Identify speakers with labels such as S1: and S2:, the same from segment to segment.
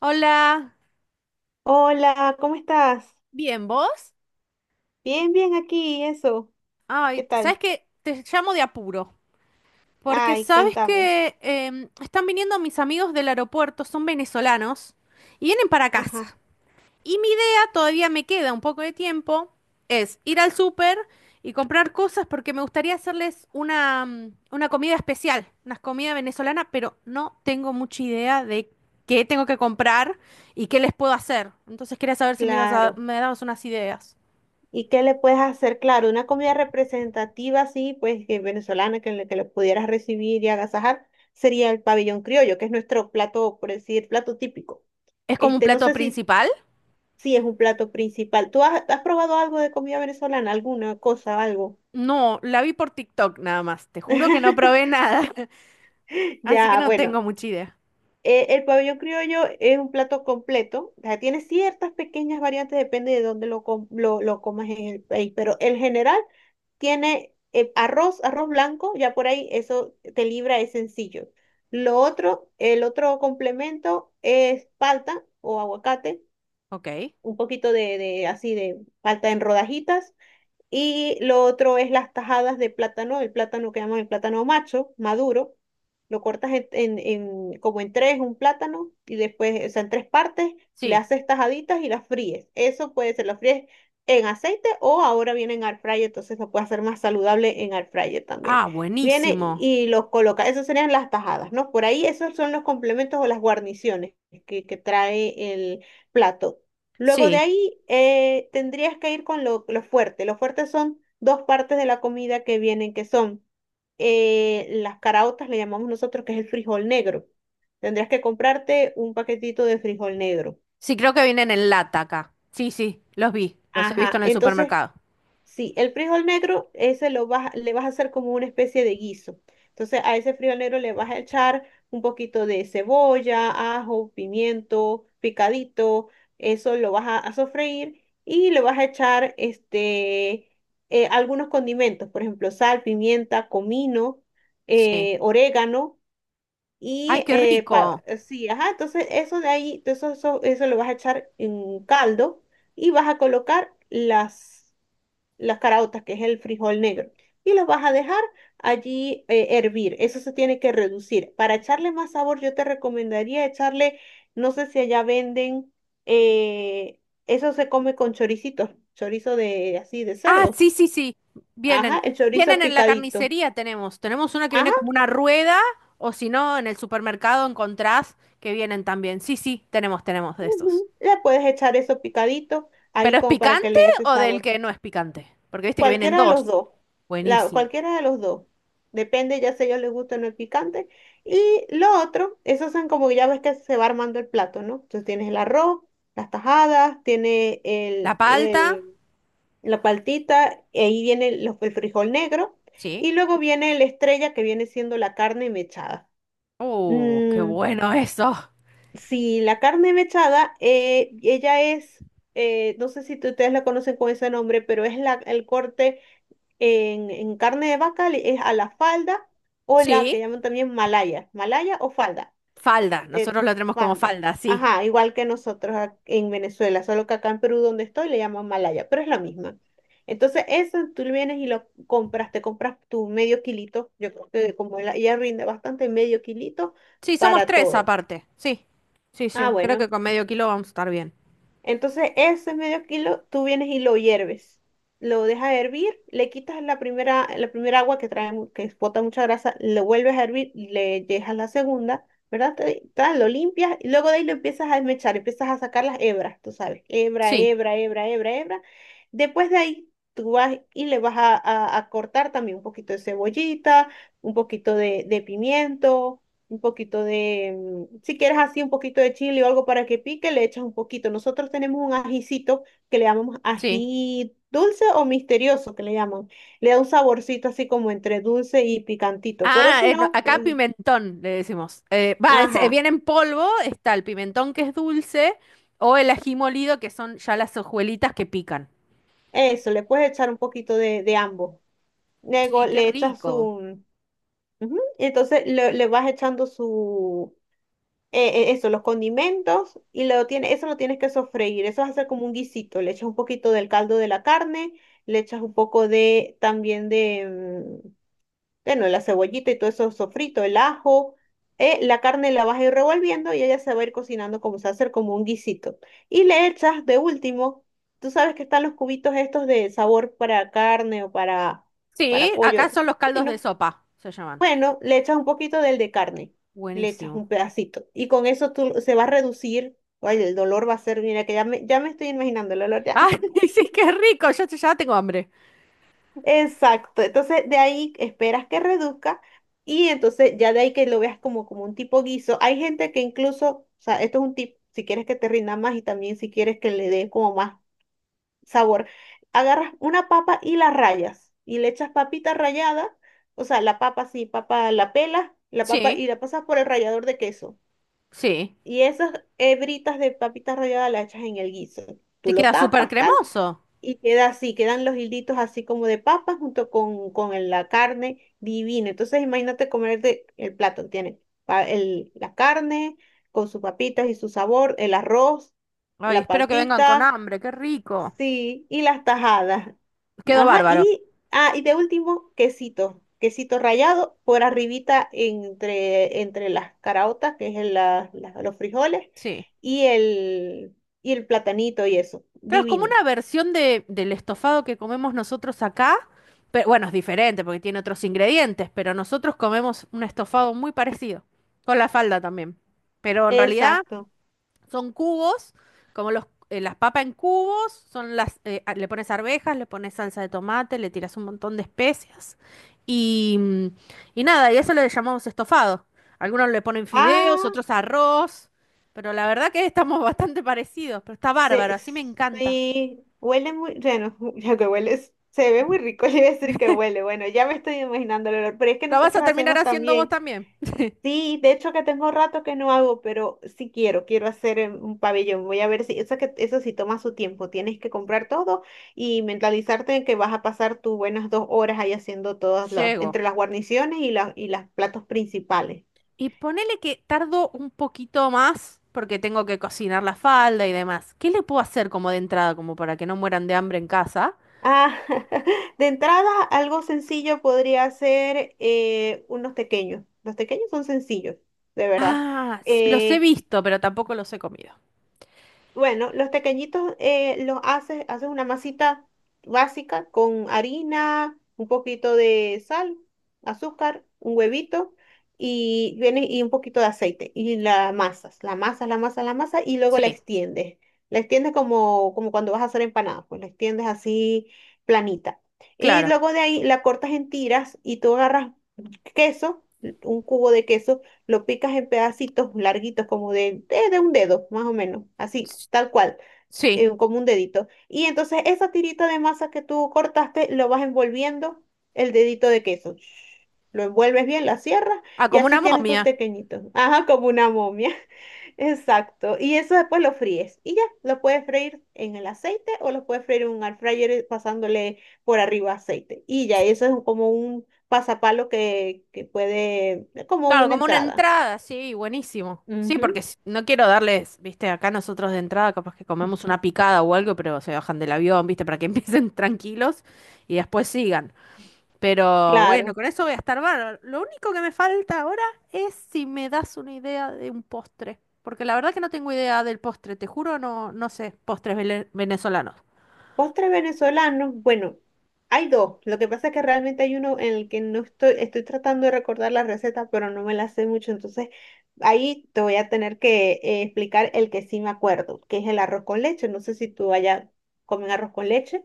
S1: Hola,
S2: Hola, ¿cómo estás?
S1: bien, ¿vos?
S2: Bien, bien aquí, eso.
S1: Ay,
S2: ¿Qué tal?
S1: ¿sabes qué? Te llamo de apuro, porque
S2: Ay,
S1: sabes
S2: cuéntame.
S1: que están viniendo mis amigos del aeropuerto, son venezolanos, y vienen para
S2: Ajá,
S1: casa. Y mi idea, todavía me queda un poco de tiempo, es ir al súper y comprar cosas porque me gustaría hacerles una comida especial, una comida venezolana, pero no tengo mucha idea de qué tengo que comprar y qué les puedo hacer. Entonces quería saber si
S2: claro.
S1: me dabas unas ideas.
S2: ¿Y qué le puedes hacer? Claro, una comida representativa así, pues que venezolana, que le pudieras recibir y agasajar, sería el pabellón criollo, que es nuestro plato, por decir, plato típico.
S1: ¿Es como un
S2: Este, no
S1: plato
S2: sé si,
S1: principal?
S2: si es un plato principal. ¿Tú has probado algo de comida venezolana? ¿Alguna cosa, algo?
S1: No, la vi por TikTok nada más. Te juro que no probé nada. Así que
S2: Ya,
S1: no
S2: bueno,
S1: tengo mucha idea.
S2: El pabellón criollo es un plato completo, o sea, tiene ciertas pequeñas variantes, depende de dónde lo comas en el país, pero en general tiene arroz, arroz blanco, ya por ahí eso te libra, es sencillo. Lo otro, el otro complemento es palta o aguacate,
S1: Ok.
S2: un poquito de así de palta en rodajitas, y lo otro es las tajadas de plátano, el plátano que llaman el plátano macho, maduro. Lo cortas como en tres, un plátano, y después, o sea, en tres partes, le
S1: Sí.
S2: haces tajaditas y las fríes. Eso puede ser, las fríes en aceite o ahora viene en air fryer, entonces lo puedes hacer más saludable en air fryer también.
S1: Ah,
S2: Viene
S1: buenísimo.
S2: y los coloca. Esas serían las tajadas, ¿no? Por ahí esos son los complementos o las guarniciones que trae el plato. Luego de
S1: Sí.
S2: ahí tendrías que ir con lo fuerte. Lo fuerte son dos partes de la comida que vienen, que son las caraotas, le llamamos nosotros, que es el frijol negro. Tendrías que comprarte un paquetito de frijol negro.
S1: Sí, creo que vienen en lata acá. Sí, sí, los vi. Los he visto
S2: Ajá,
S1: en el
S2: entonces
S1: supermercado.
S2: sí, el frijol negro, ese lo vas, le vas a hacer como una especie de guiso. Entonces, a ese frijol negro le vas a echar un poquito de cebolla, ajo, pimiento, picadito. Eso lo vas a sofreír y le vas a echar este, algunos condimentos, por ejemplo, sal, pimienta, comino,
S1: Sí.
S2: orégano
S1: Ay,
S2: y
S1: qué rico.
S2: sí, ajá. Entonces, eso de ahí, eso lo vas a echar en un caldo y vas a colocar las caraotas que es el frijol negro, y los vas a dejar allí hervir. Eso se tiene que reducir. Para echarle más sabor, yo te recomendaría echarle, no sé si allá venden, eh, eso se come con choricitos, chorizo de así de
S1: Ah,
S2: cerdo.
S1: sí, sí, sí. Vienen.
S2: Ajá, el chorizo
S1: Vienen en la
S2: picadito.
S1: carnicería tenemos. Tenemos una que
S2: Ajá,
S1: viene como una rueda, o si no, en el supermercado encontrás que vienen también. Sí, sí, tenemos, tenemos de estos.
S2: ujú, le puedes echar eso picadito
S1: ¿Pero
S2: ahí
S1: es
S2: como para que
S1: picante
S2: le dé ese
S1: o del
S2: sabor.
S1: que no es picante? Porque viste que vienen
S2: Cualquiera de
S1: dos.
S2: los dos, la,
S1: Buenísimo.
S2: cualquiera de los dos. Depende ya si a ellos les gusta o no el picante. Y lo otro, esos son como ya ves que se va armando el plato, ¿no? Entonces tienes el arroz, las tajadas, tiene
S1: La palta.
S2: la paltita, y ahí viene el frijol negro.
S1: Sí.
S2: Y luego viene la estrella que viene siendo la carne mechada.
S1: Oh, qué
S2: Mm,
S1: bueno eso.
S2: sí, la carne mechada, ella es, no sé si ustedes la conocen con ese nombre, pero es el corte en carne de vaca es a la falda o la que
S1: Sí,
S2: llaman también malaya, malaya o falda,
S1: falda,
S2: de
S1: nosotros lo tenemos como
S2: falda.
S1: falda, sí.
S2: Ajá, igual que nosotros en Venezuela, solo que acá en Perú donde estoy le llaman malaya, pero es la misma. Entonces, eso tú vienes y lo compras, te compras tu medio kilito, yo creo que como ella rinde bastante, medio kilito
S1: Sí, somos
S2: para
S1: tres
S2: todo.
S1: aparte, sí. Sí,
S2: Ah,
S1: yo creo que
S2: bueno.
S1: con medio kilo vamos a estar bien.
S2: Entonces, ese medio kilo tú vienes y lo hierves. Lo dejas hervir, le quitas la primera agua que trae, que bota mucha grasa, lo vuelves a hervir, le dejas la segunda, ¿verdad? Tal, lo limpias y luego de ahí lo empiezas a desmechar, empiezas a sacar las hebras, tú sabes, hebra,
S1: Sí,
S2: hebra, hebra, hebra, hebra. Después de ahí tú vas y le vas a cortar también un poquito de cebollita, un poquito de pimiento, un poquito de, si quieres así, un poquito de chile o algo para que pique, le echas un poquito. Nosotros tenemos un ajicito que le llamamos
S1: sí.
S2: ají dulce o misterioso, que le llaman. Le da un saborcito así como entre dulce y picantito, pero
S1: Ah,
S2: si
S1: no,
S2: no,
S1: acá
S2: pues,
S1: pimentón le decimos.
S2: ajá,
S1: Viene en polvo, está el pimentón que es dulce o el ají molido que son ya las hojuelitas que pican.
S2: eso, le puedes echar un poquito de ambos. Luego
S1: Sí, qué
S2: le echas
S1: rico.
S2: su, ujú, entonces le vas echando su eso, los condimentos, y lo tiene, eso lo tienes que sofreír, eso vas a hacer como un guisito, le echas un poquito del caldo de la carne, le echas un poco de, también de, mm, bueno, la cebollita y todo eso sofrito, el ajo, la carne la vas a ir revolviendo y ella se va a ir cocinando como se va a hacer como un guisito. Y le echas de último, tú sabes que están los cubitos estos de sabor para carne o
S1: Sí,
S2: para pollo,
S1: acá son los caldos de
S2: bueno,
S1: sopa, se llaman.
S2: bueno, le echas un poquito del de carne, le echas
S1: Buenísimo.
S2: un pedacito y con eso tú se va a reducir. Oye, el dolor va a ser, mira que ya me estoy imaginando el olor ya.
S1: Ay, sí, qué rico, ya, ya tengo hambre.
S2: Exacto, entonces de ahí esperas que reduzca y entonces ya de ahí que lo veas como, como un tipo guiso. Hay gente que incluso, o sea, esto es un tip, si quieres que te rinda más y también si quieres que le dé como más sabor, agarras una papa y la rayas y le echas papita rallada, o sea, la papa sí, papa la pelas, la papa
S1: Sí,
S2: y la pasas por el rallador de queso.
S1: sí.
S2: Y esas hebritas de papita rallada las echas en el guiso. Tú
S1: Te
S2: lo
S1: queda súper
S2: tapas, tal,
S1: cremoso.
S2: y queda así, quedan los hilditos así como de papas junto con la carne divina. Entonces imagínate comerte el plato, tiene la carne con sus papitas y su sabor, el arroz,
S1: Ay,
S2: la
S1: espero que vengan con
S2: paltita,
S1: hambre, qué rico.
S2: sí, y las tajadas.
S1: Quedó
S2: Ajá,
S1: bárbaro.
S2: ah, y de último, quesito. Quesito rallado por arribita entre, entre las caraotas, que es los frijoles,
S1: Sí.
S2: y el, y el platanito y eso.
S1: Claro, es como
S2: Divino.
S1: una versión de, del estofado que comemos nosotros acá, pero bueno, es diferente porque tiene otros ingredientes, pero nosotros comemos un estofado muy parecido, con la falda también. Pero en realidad
S2: Exacto.
S1: son cubos, como los, las papas en cubos, son le pones arvejas, le pones salsa de tomate, le tiras un montón de especias y, mm, y nada, y eso le llamamos estofado. Algunos le ponen fideos,
S2: Ah,
S1: otros arroz, pero la verdad que estamos bastante parecidos, pero está bárbaro,
S2: se,
S1: así me encanta.
S2: sí, huele muy, bueno, ya que huele, se ve muy rico, le iba a decir que huele. Bueno, ya me estoy imaginando el olor, pero es que
S1: ¿La vas a
S2: nosotros
S1: terminar
S2: hacemos
S1: haciendo vos
S2: también.
S1: también?
S2: Sí, de hecho que tengo rato que no hago, pero sí quiero hacer un pabellón. Voy a ver si eso que eso sí toma su tiempo. Tienes que comprar todo y mentalizarte en que vas a pasar tus buenas 2 horas ahí haciendo todas las,
S1: Llego.
S2: entre las guarniciones y las y los platos principales.
S1: Y ponele que tardo un poquito más porque tengo que cocinar la falda y demás. ¿Qué le puedo hacer como de entrada, como para que no mueran de hambre en casa?
S2: Ah, de entrada, algo sencillo podría ser unos pequeños. Los pequeños son sencillos, de verdad.
S1: Ah, los he
S2: Eh,
S1: visto, pero tampoco los he comido.
S2: Bueno, los tequeñitos los haces, haces una masita básica con harina, un poquito de sal, azúcar, un huevito y viene y un poquito de aceite y la amasas, la amasas, la amasas, la amasas y luego la
S1: Sí,
S2: extiendes. La extiendes como, como cuando vas a hacer empanadas, pues la extiendes así planita. Y
S1: claro.
S2: luego de ahí la cortas en tiras y tú agarras queso, un cubo de queso lo picas en pedacitos larguitos, como de un dedo, más o menos, así,
S1: S-
S2: tal cual,
S1: Sí.
S2: como un dedito. Y entonces esa tirita de masa que tú cortaste, lo vas envolviendo el dedito de queso. Lo envuelves bien, la cierras
S1: Ah,
S2: y
S1: como
S2: así
S1: una
S2: tienes tus
S1: momia.
S2: pequeñitos. Ajá, como una momia. Exacto. Y eso después lo fríes. Y ya, lo puedes freír en el aceite o lo puedes freír en un air fryer pasándole por arriba aceite. Y ya, eso es como un pasapalo que puede, es como
S1: Claro,
S2: una
S1: como una
S2: entrada.
S1: entrada, sí, buenísimo. Sí,
S2: Ujú,
S1: porque no quiero darles, viste, acá nosotros de entrada capaz que comemos una picada o algo, pero se bajan del avión, viste, para que empiecen tranquilos y después sigan. Pero bueno,
S2: claro.
S1: con eso voy a estar bárbaro. Lo único que me falta ahora es si me das una idea de un postre. Porque la verdad que no tengo idea del postre, te juro, no, no sé, postres venezolanos.
S2: Postre venezolano, bueno, hay dos. Lo que pasa es que realmente hay uno en el que no estoy, estoy tratando de recordar la receta, pero no me la sé mucho. Entonces, ahí te voy a tener que explicar el que sí me acuerdo, que es el arroz con leche. No sé si tú allá comen arroz con leche.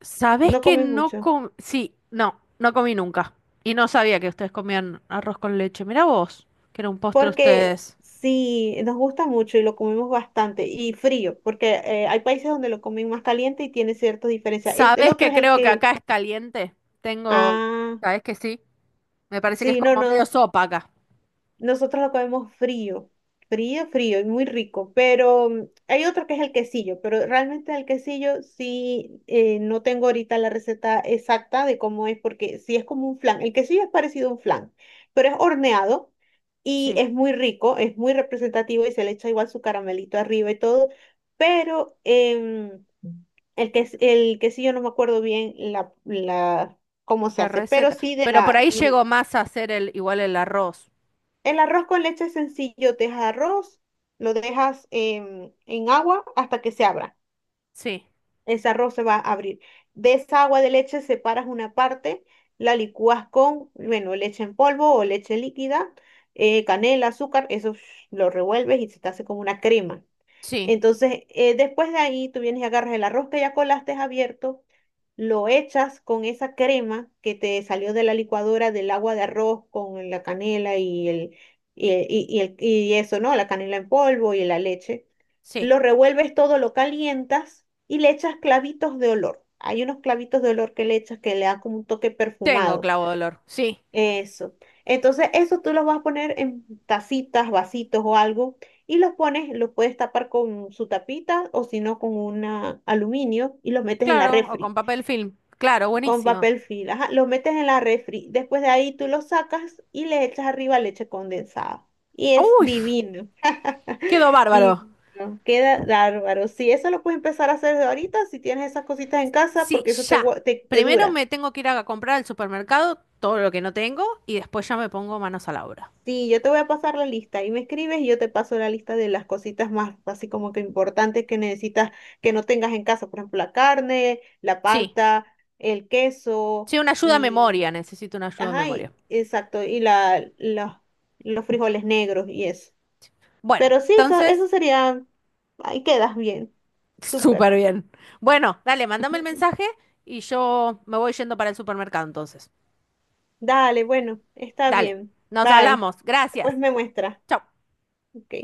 S1: ¿Sabés
S2: No
S1: que
S2: comen
S1: no
S2: mucho,
S1: com... Sí, no, no comí nunca. Y no sabía que ustedes comían arroz con leche. Mirá vos, que era un postre
S2: porque
S1: ustedes.
S2: sí, nos gusta mucho y lo comemos bastante. Y frío, porque hay países donde lo comen más caliente y tiene ciertas diferencias. Este, el
S1: ¿Sabés
S2: otro
S1: que
S2: es el
S1: creo que
S2: que...
S1: acá es caliente? Tengo...
S2: Ah,
S1: ¿Sabés que sí? Me parece que es
S2: sí, no,
S1: como medio
S2: no.
S1: sopa acá.
S2: Nosotros lo comemos frío, frío, frío y muy rico, pero hay otro que es el quesillo, pero realmente el quesillo sí, no tengo ahorita la receta exacta de cómo es, porque sí es como un flan. El quesillo es parecido a un flan, pero es horneado y
S1: Sí,
S2: es muy rico, es muy representativo y se le echa igual su caramelito arriba y todo, pero el quesillo no me acuerdo bien cómo se
S1: la
S2: hace, pero
S1: receta.
S2: sí
S1: Pero por ahí llegó más a hacer el igual el arroz.
S2: el arroz con leche es sencillo, te dejas arroz, lo dejas en agua hasta que se abra.
S1: Sí,
S2: Ese arroz se va a abrir. De esa agua de leche separas una parte, la licúas con, bueno, leche en polvo o leche líquida, canela, azúcar, eso sh, lo revuelves y se te hace como una crema.
S1: sí,
S2: Entonces, después de ahí, tú vienes y agarras el arroz que ya colaste abierto, lo echas con esa crema que te salió de la licuadora del agua de arroz con la canela y el, y eso, ¿no? La canela en polvo y la leche.
S1: sí.
S2: Lo revuelves todo, lo calientas y le echas clavitos de olor. Hay unos clavitos de olor que le echas que le dan como un toque
S1: Tengo
S2: perfumado.
S1: clavo de olor. Sí,
S2: Eso. Entonces, eso tú los vas a poner en tacitas, vasitos o algo y los pones, los puedes tapar con su tapita o si no con un aluminio y los metes en la
S1: claro, o con
S2: refri
S1: papel film. Claro,
S2: con
S1: buenísimo.
S2: papel film. Ajá, los metes en la refri. Después de ahí tú los sacas y le echas arriba leche condensada. Y es
S1: Uy,
S2: divino.
S1: quedó bárbaro.
S2: Divino. Queda bárbaro. Sí, eso lo puedes empezar a hacer de ahorita si tienes esas cositas en casa
S1: Sí,
S2: porque eso te,
S1: ya.
S2: gua- te te
S1: Primero
S2: dura.
S1: me tengo que ir a comprar al supermercado todo lo que no tengo y después ya me pongo manos a la obra.
S2: Sí, yo te voy a pasar la lista y me escribes y yo te paso la lista de las cositas más así como que importantes que necesitas que no tengas en casa, por ejemplo, la carne, la
S1: Sí,
S2: palta, el queso
S1: sí, una ayuda a
S2: y,
S1: memoria, necesito una ayuda a
S2: ajá,
S1: memoria.
S2: exacto, y los frijoles negros y eso.
S1: Bueno,
S2: Pero sí, eso
S1: entonces,
S2: sería, ahí quedas bien,
S1: súper
S2: súper.
S1: bien. Bueno, dale, mándame el mensaje y yo me voy yendo para el supermercado entonces.
S2: Dale, bueno, está
S1: Dale,
S2: bien,
S1: nos
S2: bye.
S1: hablamos. Gracias.
S2: Después me muestra,
S1: Chau.
S2: ok.